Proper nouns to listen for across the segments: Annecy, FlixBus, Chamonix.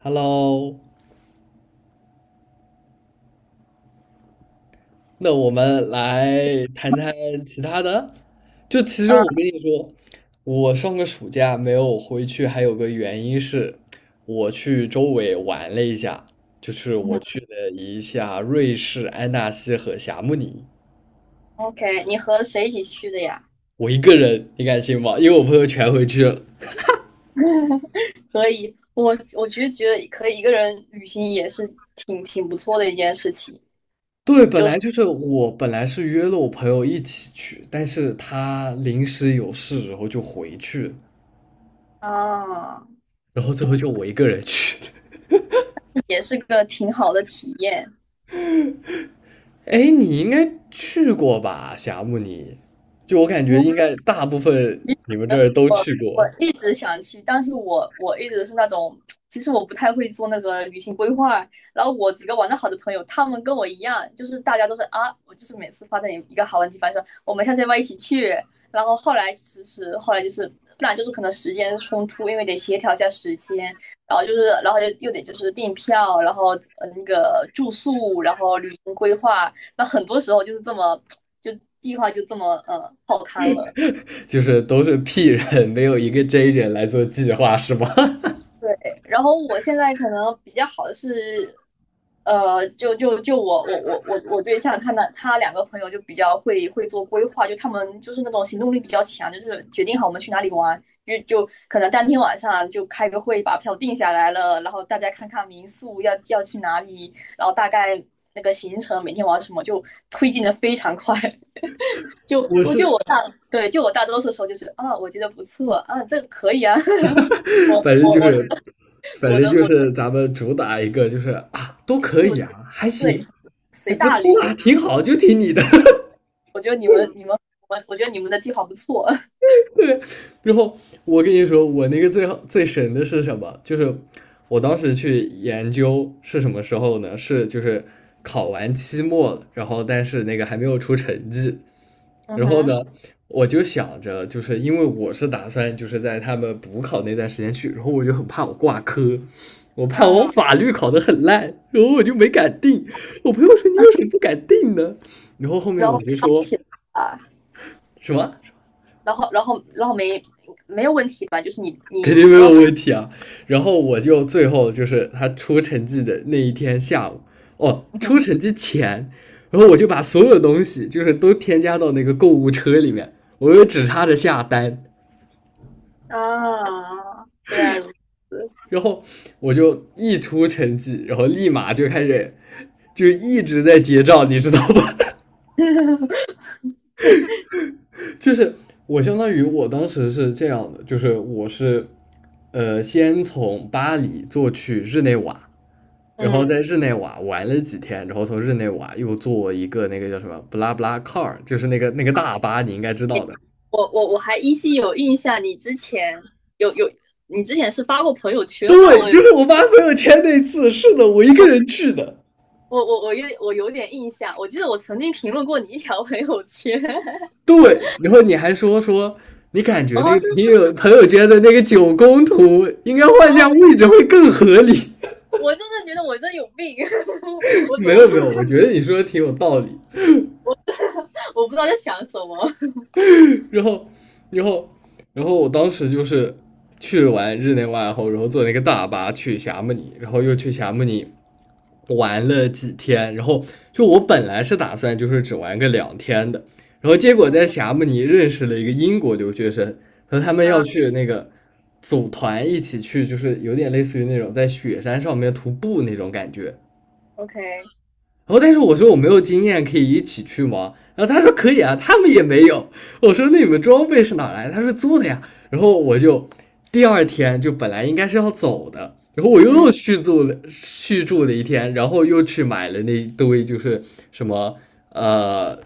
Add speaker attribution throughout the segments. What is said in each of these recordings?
Speaker 1: Hello，那我们来谈谈其他的。其实我跟
Speaker 2: 嗯
Speaker 1: 你说，我上个暑假没有回去，还有个原因是，我去周围玩了一下，就是我
Speaker 2: 嗯
Speaker 1: 去了一下瑞士安纳西和霞慕尼。
Speaker 2: ，OK，你和谁一起去的呀？
Speaker 1: 我一个人，你敢信吗？因为我朋友全回去了。
Speaker 2: 可以，我其实觉得可以一个人旅行也是挺不错的一件事情，
Speaker 1: 对，
Speaker 2: 就是
Speaker 1: 本来是约了我朋友一起去，但是他临时有事，然后就回去了，
Speaker 2: 啊，
Speaker 1: 然后最后就我一个人去。
Speaker 2: 也是个挺好的体验。
Speaker 1: 哎，你应该去过吧，霞木？尼？就我感觉，应该大部分你们
Speaker 2: 其
Speaker 1: 这
Speaker 2: 实
Speaker 1: 儿都
Speaker 2: 我
Speaker 1: 去
Speaker 2: 我
Speaker 1: 过，
Speaker 2: 一直想去，但是我一直是那种，其实我不太会做那个旅行规划。然后我几个玩的好的朋友，他们跟我一样，就是大家都是啊，我就是每次发在一个好玩的地方说我们下次要不要一起去。然后后来其实后来就是不然就是可能时间冲突，因为得协调一下时间，然后就是然后又得就是订票，然后那个住宿，然后旅行规划，那很多时候就是这么就计划就这么泡汤了。
Speaker 1: 就是都是 P 人，没有一个 J 人来做计划，是吗？
Speaker 2: 对，然后我现在可能比较好的是，就我对象他的他两个朋友就比较会做规划，就他们就是那种行动力比较强，就是决定好我们去哪里玩，就可能当天晚上就开个会把票定下来了，然后大家看看民宿要去哪里，然后大概那个行程每天玩什么就推进的非常快，就
Speaker 1: 我
Speaker 2: 我
Speaker 1: 是，
Speaker 2: 就我大对大多数时候就是啊我觉得不错啊这个可以啊，我
Speaker 1: 反正
Speaker 2: 我
Speaker 1: 就
Speaker 2: 我的
Speaker 1: 是，反
Speaker 2: 我
Speaker 1: 正
Speaker 2: 的
Speaker 1: 就
Speaker 2: 我。
Speaker 1: 是咱们主打一个，就是啊，都可
Speaker 2: 就。
Speaker 1: 以啊，还
Speaker 2: 对，
Speaker 1: 行，还
Speaker 2: 随
Speaker 1: 不
Speaker 2: 大
Speaker 1: 错啊，
Speaker 2: 流。
Speaker 1: 挺好，就听你的。
Speaker 2: 我觉得你们、你们、我觉得你们的计划不错。
Speaker 1: 对，然后我跟你说，我那个最好最神的是什么？就是我当时去研究是什么时候呢？是就是考完期末了，然后但是那个还没有出成绩，
Speaker 2: 嗯
Speaker 1: 然后呢，
Speaker 2: 哼，
Speaker 1: 我就想着，就是因为我是打算就是在他们补考那段时间去，然后我就很怕我挂科。我怕我法律考得很烂，然后我就没敢定。我朋友说："你为什么不敢定呢？"然后后
Speaker 2: 然
Speaker 1: 面
Speaker 2: 后
Speaker 1: 我
Speaker 2: 被
Speaker 1: 就
Speaker 2: 捞
Speaker 1: 说
Speaker 2: 起来了，
Speaker 1: 什么？
Speaker 2: 然后没有问题吧？就是
Speaker 1: 肯
Speaker 2: 你
Speaker 1: 定没有
Speaker 2: 说
Speaker 1: 问题啊。然后我就最后就是他出成绩的那一天下午，哦，
Speaker 2: 嗯，
Speaker 1: 出成绩前，然后我就把所有东西就是都添加到那个购物车里面，我就只差着下单。
Speaker 2: 啊，原来如此。
Speaker 1: 然后我就一出成绩，然后立马就开始就一直在结账，你知道吧？就是我相当于我当时是这样的，就是我是先从巴黎坐去日内瓦，然后在
Speaker 2: 嗯，
Speaker 1: 日内瓦玩了几天，然后从日内瓦又坐一个那个叫什么布拉布拉 car，就是那个大巴，你应该知道的。
Speaker 2: 我还依稀有印象，你之前有有，你之前是发过朋友圈吗？
Speaker 1: 对，就是我发朋友圈那次，是的，我一个
Speaker 2: 我、
Speaker 1: 人去的。
Speaker 2: 我有有点印象，我记得我曾经评论过你一条朋友圈。
Speaker 1: 对，然后你还说，说，你感觉那
Speaker 2: 哦，
Speaker 1: 个
Speaker 2: 是
Speaker 1: 你
Speaker 2: 是，
Speaker 1: 有朋友圈的那个九宫图应该换
Speaker 2: 哦，
Speaker 1: 下位置会更合理。
Speaker 2: 我就是觉得我这有病 我怎
Speaker 1: 没
Speaker 2: 么
Speaker 1: 有没有，我觉得你说的挺有道理。
Speaker 2: 我不知道在想什么。
Speaker 1: 然后，然后，然后我当时就是去完日内瓦后，然后坐那个大巴去霞慕尼，然后又去霞慕尼玩了几天，然后就我本来是打算就是只玩个两天的，然后结果在霞慕尼认识了一个英国留学生，和他们要
Speaker 2: 啊
Speaker 1: 去那个组团一起去，就是有点类似于那种在雪山上面徒步那种感觉。
Speaker 2: ，OK，
Speaker 1: 然后但是我说我没有经验，可以一起去吗？然后他说可以啊，他们也没有。我说那你们装备是哪来？他说租的呀。然后我就第二天就本来应该是要走的，然后我又
Speaker 2: 嗯，
Speaker 1: 又续住了一天，然后又去买了那一堆就是什么呃。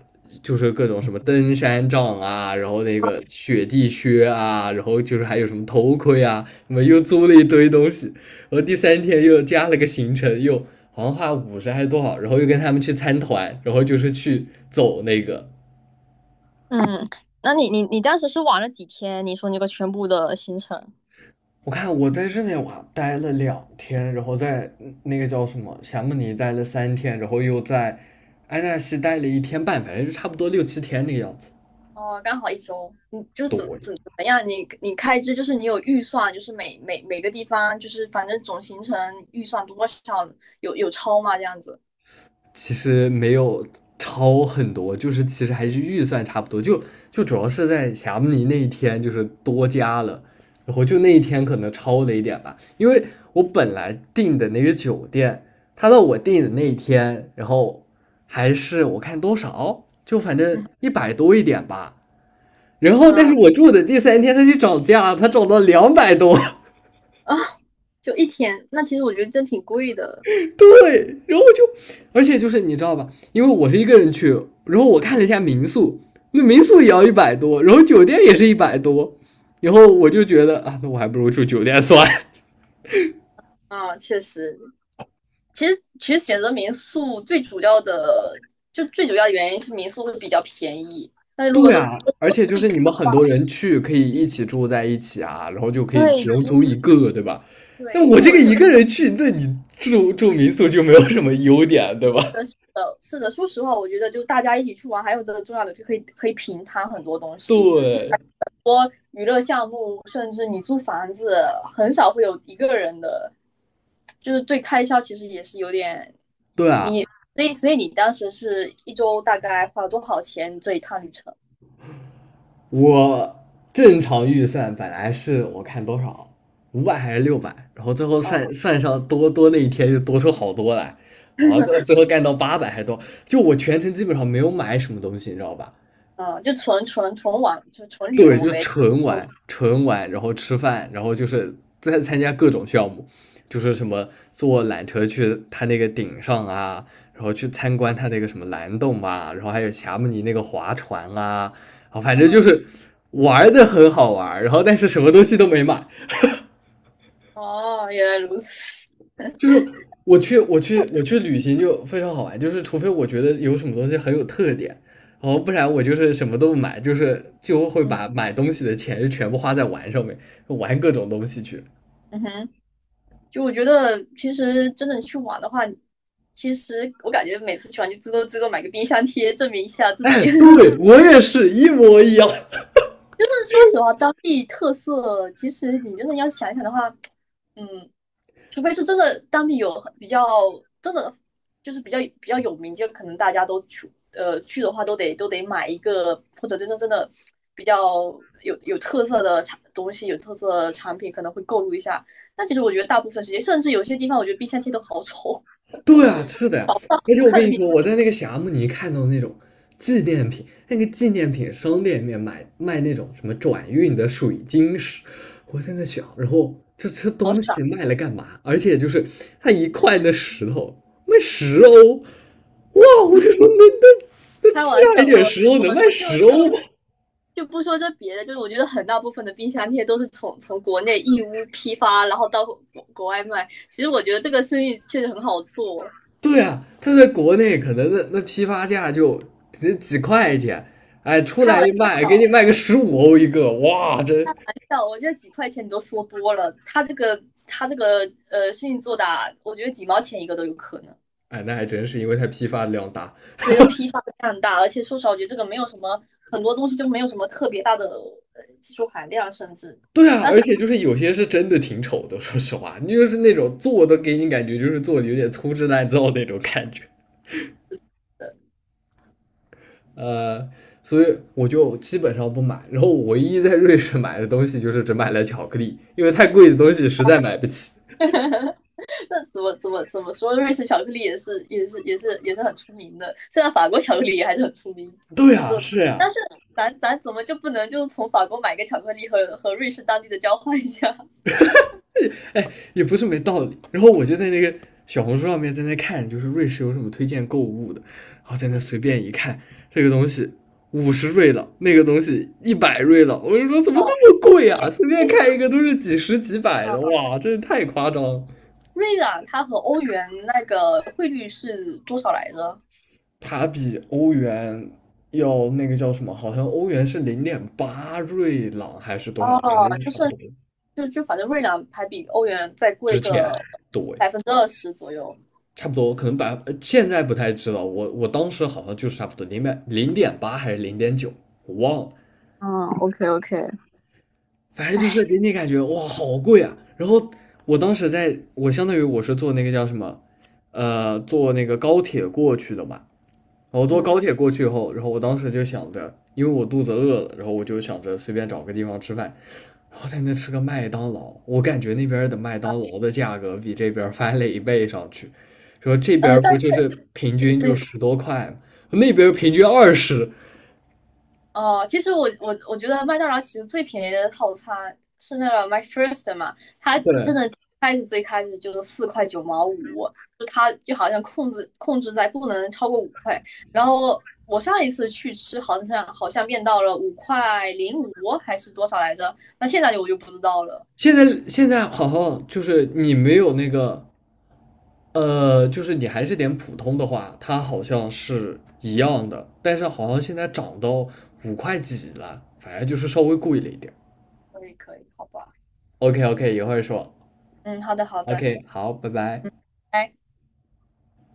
Speaker 1: 就是各种什么登山杖啊，然后那个雪地靴啊，然后就是还有什么头盔啊，什么又租了一堆东西。然后第三天又加了个行程，又好像花五十还是多少，然后又跟他们去参团，然后就是去走那个。
Speaker 2: 嗯，那你当时是玩了几天？你说那个全部的行程？
Speaker 1: 我看我在日内瓦待了两天，然后在那个叫什么霞慕尼待了三天，然后又在安纳西待了一天半，反正就差不多六七天那个样子。
Speaker 2: 哦，刚好一周，你就是怎么怎么样？你开支就是你有预算，就是每每个地方就是反正总行程预算多少有超吗？这样子
Speaker 1: 其实没有超很多，就是其实还是预算差不多，就主要是在霞慕尼那一天就是多加了，然后就那一天可能超了一点吧，因为我本来订的那个酒店，他到我订的那一天，然后还是我看多少，就反正一百多一点吧，然后但是
Speaker 2: 嗯，
Speaker 1: 我住的第三天他去涨价，他涨到200多。
Speaker 2: 啊，就一天。那其实我觉得真挺贵的
Speaker 1: 对，然后，就，而且就是你知道吧，因为我是一个人去，然后我看了一下民宿，那民宿也要一百多，然后酒店也是一百多，然后我就觉得啊，那我还不如住酒店算。
Speaker 2: 啊，确实其实选择民宿最主要的，就最主要的原因是民宿会比较便宜。但 是如果
Speaker 1: 对
Speaker 2: 都
Speaker 1: 啊，而且就是你们很多人去可以一起住在一起啊，然后就可以
Speaker 2: 对，
Speaker 1: 只用
Speaker 2: 其
Speaker 1: 租
Speaker 2: 实
Speaker 1: 一个，对吧？
Speaker 2: 对，
Speaker 1: 那
Speaker 2: 其
Speaker 1: 我
Speaker 2: 实
Speaker 1: 这
Speaker 2: 我
Speaker 1: 个
Speaker 2: 觉
Speaker 1: 一
Speaker 2: 得
Speaker 1: 个人去，那你住民宿就没有什么优点，对吧？
Speaker 2: 是的。说实话，我觉得就大家一起去玩，还有个重要的就可以平摊很多东 西，
Speaker 1: 对，
Speaker 2: 娱乐项目，甚至你租房子，很少会有一个人的，就是对开销其实也是有点
Speaker 1: 对啊，
Speaker 2: 你，所以你当时是一周大概花了多少钱这一趟旅程？
Speaker 1: 我正常预算本来是我看多少，500还是600，然后最后算
Speaker 2: 嗯
Speaker 1: 算上多那一天就多出好多来，好，最后干到800还多，就我全程基本上没有买什么东西，你知道吧？
Speaker 2: 嗯，就纯玩，就纯旅
Speaker 1: 对，
Speaker 2: 游
Speaker 1: 就
Speaker 2: 呗。
Speaker 1: 纯玩，纯玩，然后吃饭，然后就是在参加各种项目，就是什么坐缆车去他那个顶上啊，然后去参观他那个什么蓝洞啊，然后还有霞慕尼那个划船啊，啊，反正就
Speaker 2: 嗯，
Speaker 1: 是玩的很好玩儿，然后但是什么东西都没买。
Speaker 2: 哦，原来如此。
Speaker 1: 就是我去旅行就非常好玩，就是除非我觉得有什么东西很有特点，然后不然我就是什么都不买，就会
Speaker 2: 嗯，
Speaker 1: 把买东西的钱全部花在玩上面，玩各种东西去。
Speaker 2: 嗯哼，就我觉得其实真的去玩的话，其实我感觉每次去玩就最多买个冰箱贴，证明一下 自己
Speaker 1: 哎，对，我也是一模一样。
Speaker 2: 说实话，当地特色，其实你真的要想一想的话，嗯，除非是真的当地有很比较真的就是比较有名，就可能大家都去去的话，都得买一个，或者真正真的比较有特色的产东西，有特色的产品，可能会购入一下。但其实我觉得大部分时间，甚至有些地方，我觉得冰箱贴都好丑，
Speaker 1: 对啊，是的呀。而且
Speaker 2: 我
Speaker 1: 我
Speaker 2: 看
Speaker 1: 跟
Speaker 2: 了
Speaker 1: 你
Speaker 2: 冰
Speaker 1: 说，我在那个霞慕尼看到那种纪念品，那个纪念品商店里面买卖那种什么转运的水晶石，我现在想，然后这
Speaker 2: 好
Speaker 1: 东西
Speaker 2: 傻。
Speaker 1: 卖了干嘛？而且就是它一块的石头卖十欧，哇！我就说那
Speaker 2: 开
Speaker 1: 批
Speaker 2: 玩
Speaker 1: 发一
Speaker 2: 笑，
Speaker 1: 点
Speaker 2: 我
Speaker 1: 石头能卖
Speaker 2: 就
Speaker 1: 十
Speaker 2: 就
Speaker 1: 欧吗？
Speaker 2: 就不说这别的，就是我觉得很大部分的冰箱贴都是从国内义乌批发，然后到国外卖。其实我觉得这个生意确实很好做，
Speaker 1: 对啊，它在国内可能那批发价就几块钱，哎，出
Speaker 2: 开
Speaker 1: 来
Speaker 2: 玩
Speaker 1: 一卖给你
Speaker 2: 笑，
Speaker 1: 卖个15欧一个，哇，真。
Speaker 2: 笑，我觉得几块钱你都说多了，他这个生意做大，我觉得几毛钱一个都有可能。
Speaker 1: 哎，那还真是因为它批发的量大。
Speaker 2: 所以就批发量大，而且说实话，我觉得这个没有什么很多东西就没有什么特别大的技术含量，甚至
Speaker 1: 对啊，而且就是有些是真的挺丑的，说实话，你就是那种做的给你感觉就是做的有点粗制滥造那种感觉。呃，所以我就基本上不买。然后我唯一在瑞士买的东西就是只买了巧克力，因为太贵的东西实在买不起。
Speaker 2: 那怎么怎么说，瑞士巧克力也是很出名的，虽然法国巧克力也还是很出名。
Speaker 1: 对啊，是
Speaker 2: 但
Speaker 1: 呀。
Speaker 2: 是咱怎么就不能就从法国买个巧克力和瑞士当地的交换一下？
Speaker 1: 哎，也不是没道理。然后我就在那个小红书上面在那看，就是瑞士有什么推荐购物的，然后在 那随
Speaker 2: 嗯，
Speaker 1: 便一看，这个东西50瑞郎，那个东西100瑞郎，我就说怎么
Speaker 2: 哦，
Speaker 1: 那么贵
Speaker 2: 哎
Speaker 1: 啊？随便
Speaker 2: 哎，
Speaker 1: 看一个都是几十几百的，
Speaker 2: 嗯，
Speaker 1: 哇，真是太夸张了。
Speaker 2: 瑞朗它和欧元那个汇率是多少来着？
Speaker 1: 它比欧元要那个叫什么？好像欧元是零点八瑞郎还是多少？反
Speaker 2: 哦，
Speaker 1: 正差不多
Speaker 2: 就就反正瑞朗还比欧元再贵
Speaker 1: 值钱。
Speaker 2: 个
Speaker 1: 对，
Speaker 2: 20%左右。
Speaker 1: 差不多，可能现在不太知道，我我当时好像就是差不多零点八还是0.9，我忘了，
Speaker 2: 嗯，OK OK,
Speaker 1: 反正就是给
Speaker 2: 哎，
Speaker 1: 你感觉哇好贵啊。然后我当时在我相当于我是坐那个叫什么，坐那个高铁过去的嘛。我坐高
Speaker 2: 嗯，
Speaker 1: 铁过去以后，然后我当时就想着，因为我肚子饿了，然后我就想着随便找个地方吃饭。然后在那吃个麦当劳，我感觉那边的麦当劳的价格比这边翻了一倍上去。说这
Speaker 2: 呃，
Speaker 1: 边不
Speaker 2: 但是
Speaker 1: 就是平均
Speaker 2: 所
Speaker 1: 就
Speaker 2: 以
Speaker 1: 10多块吗？那边平均20。
Speaker 2: 哦，其实我我觉得麦当劳其实最便宜的套餐是那个 My First 嘛，它真
Speaker 1: 对，
Speaker 2: 的最开始就是4.95块，就它就好像控制在不能超过五块。然后我上一次去吃好像变到了5.05块还是多少来着？那现在我就不知道了。
Speaker 1: 现在好像就是你没有那个，就是你还是点普通的话，它好像是一样的，但是好像现在涨到五块几了，反正就是稍微贵了一点。
Speaker 2: 可以可以，好吧，
Speaker 1: OK OK，一会儿说。
Speaker 2: 嗯，好的好的，
Speaker 1: OK，好，拜
Speaker 2: 嗯，
Speaker 1: 拜。
Speaker 2: 拜。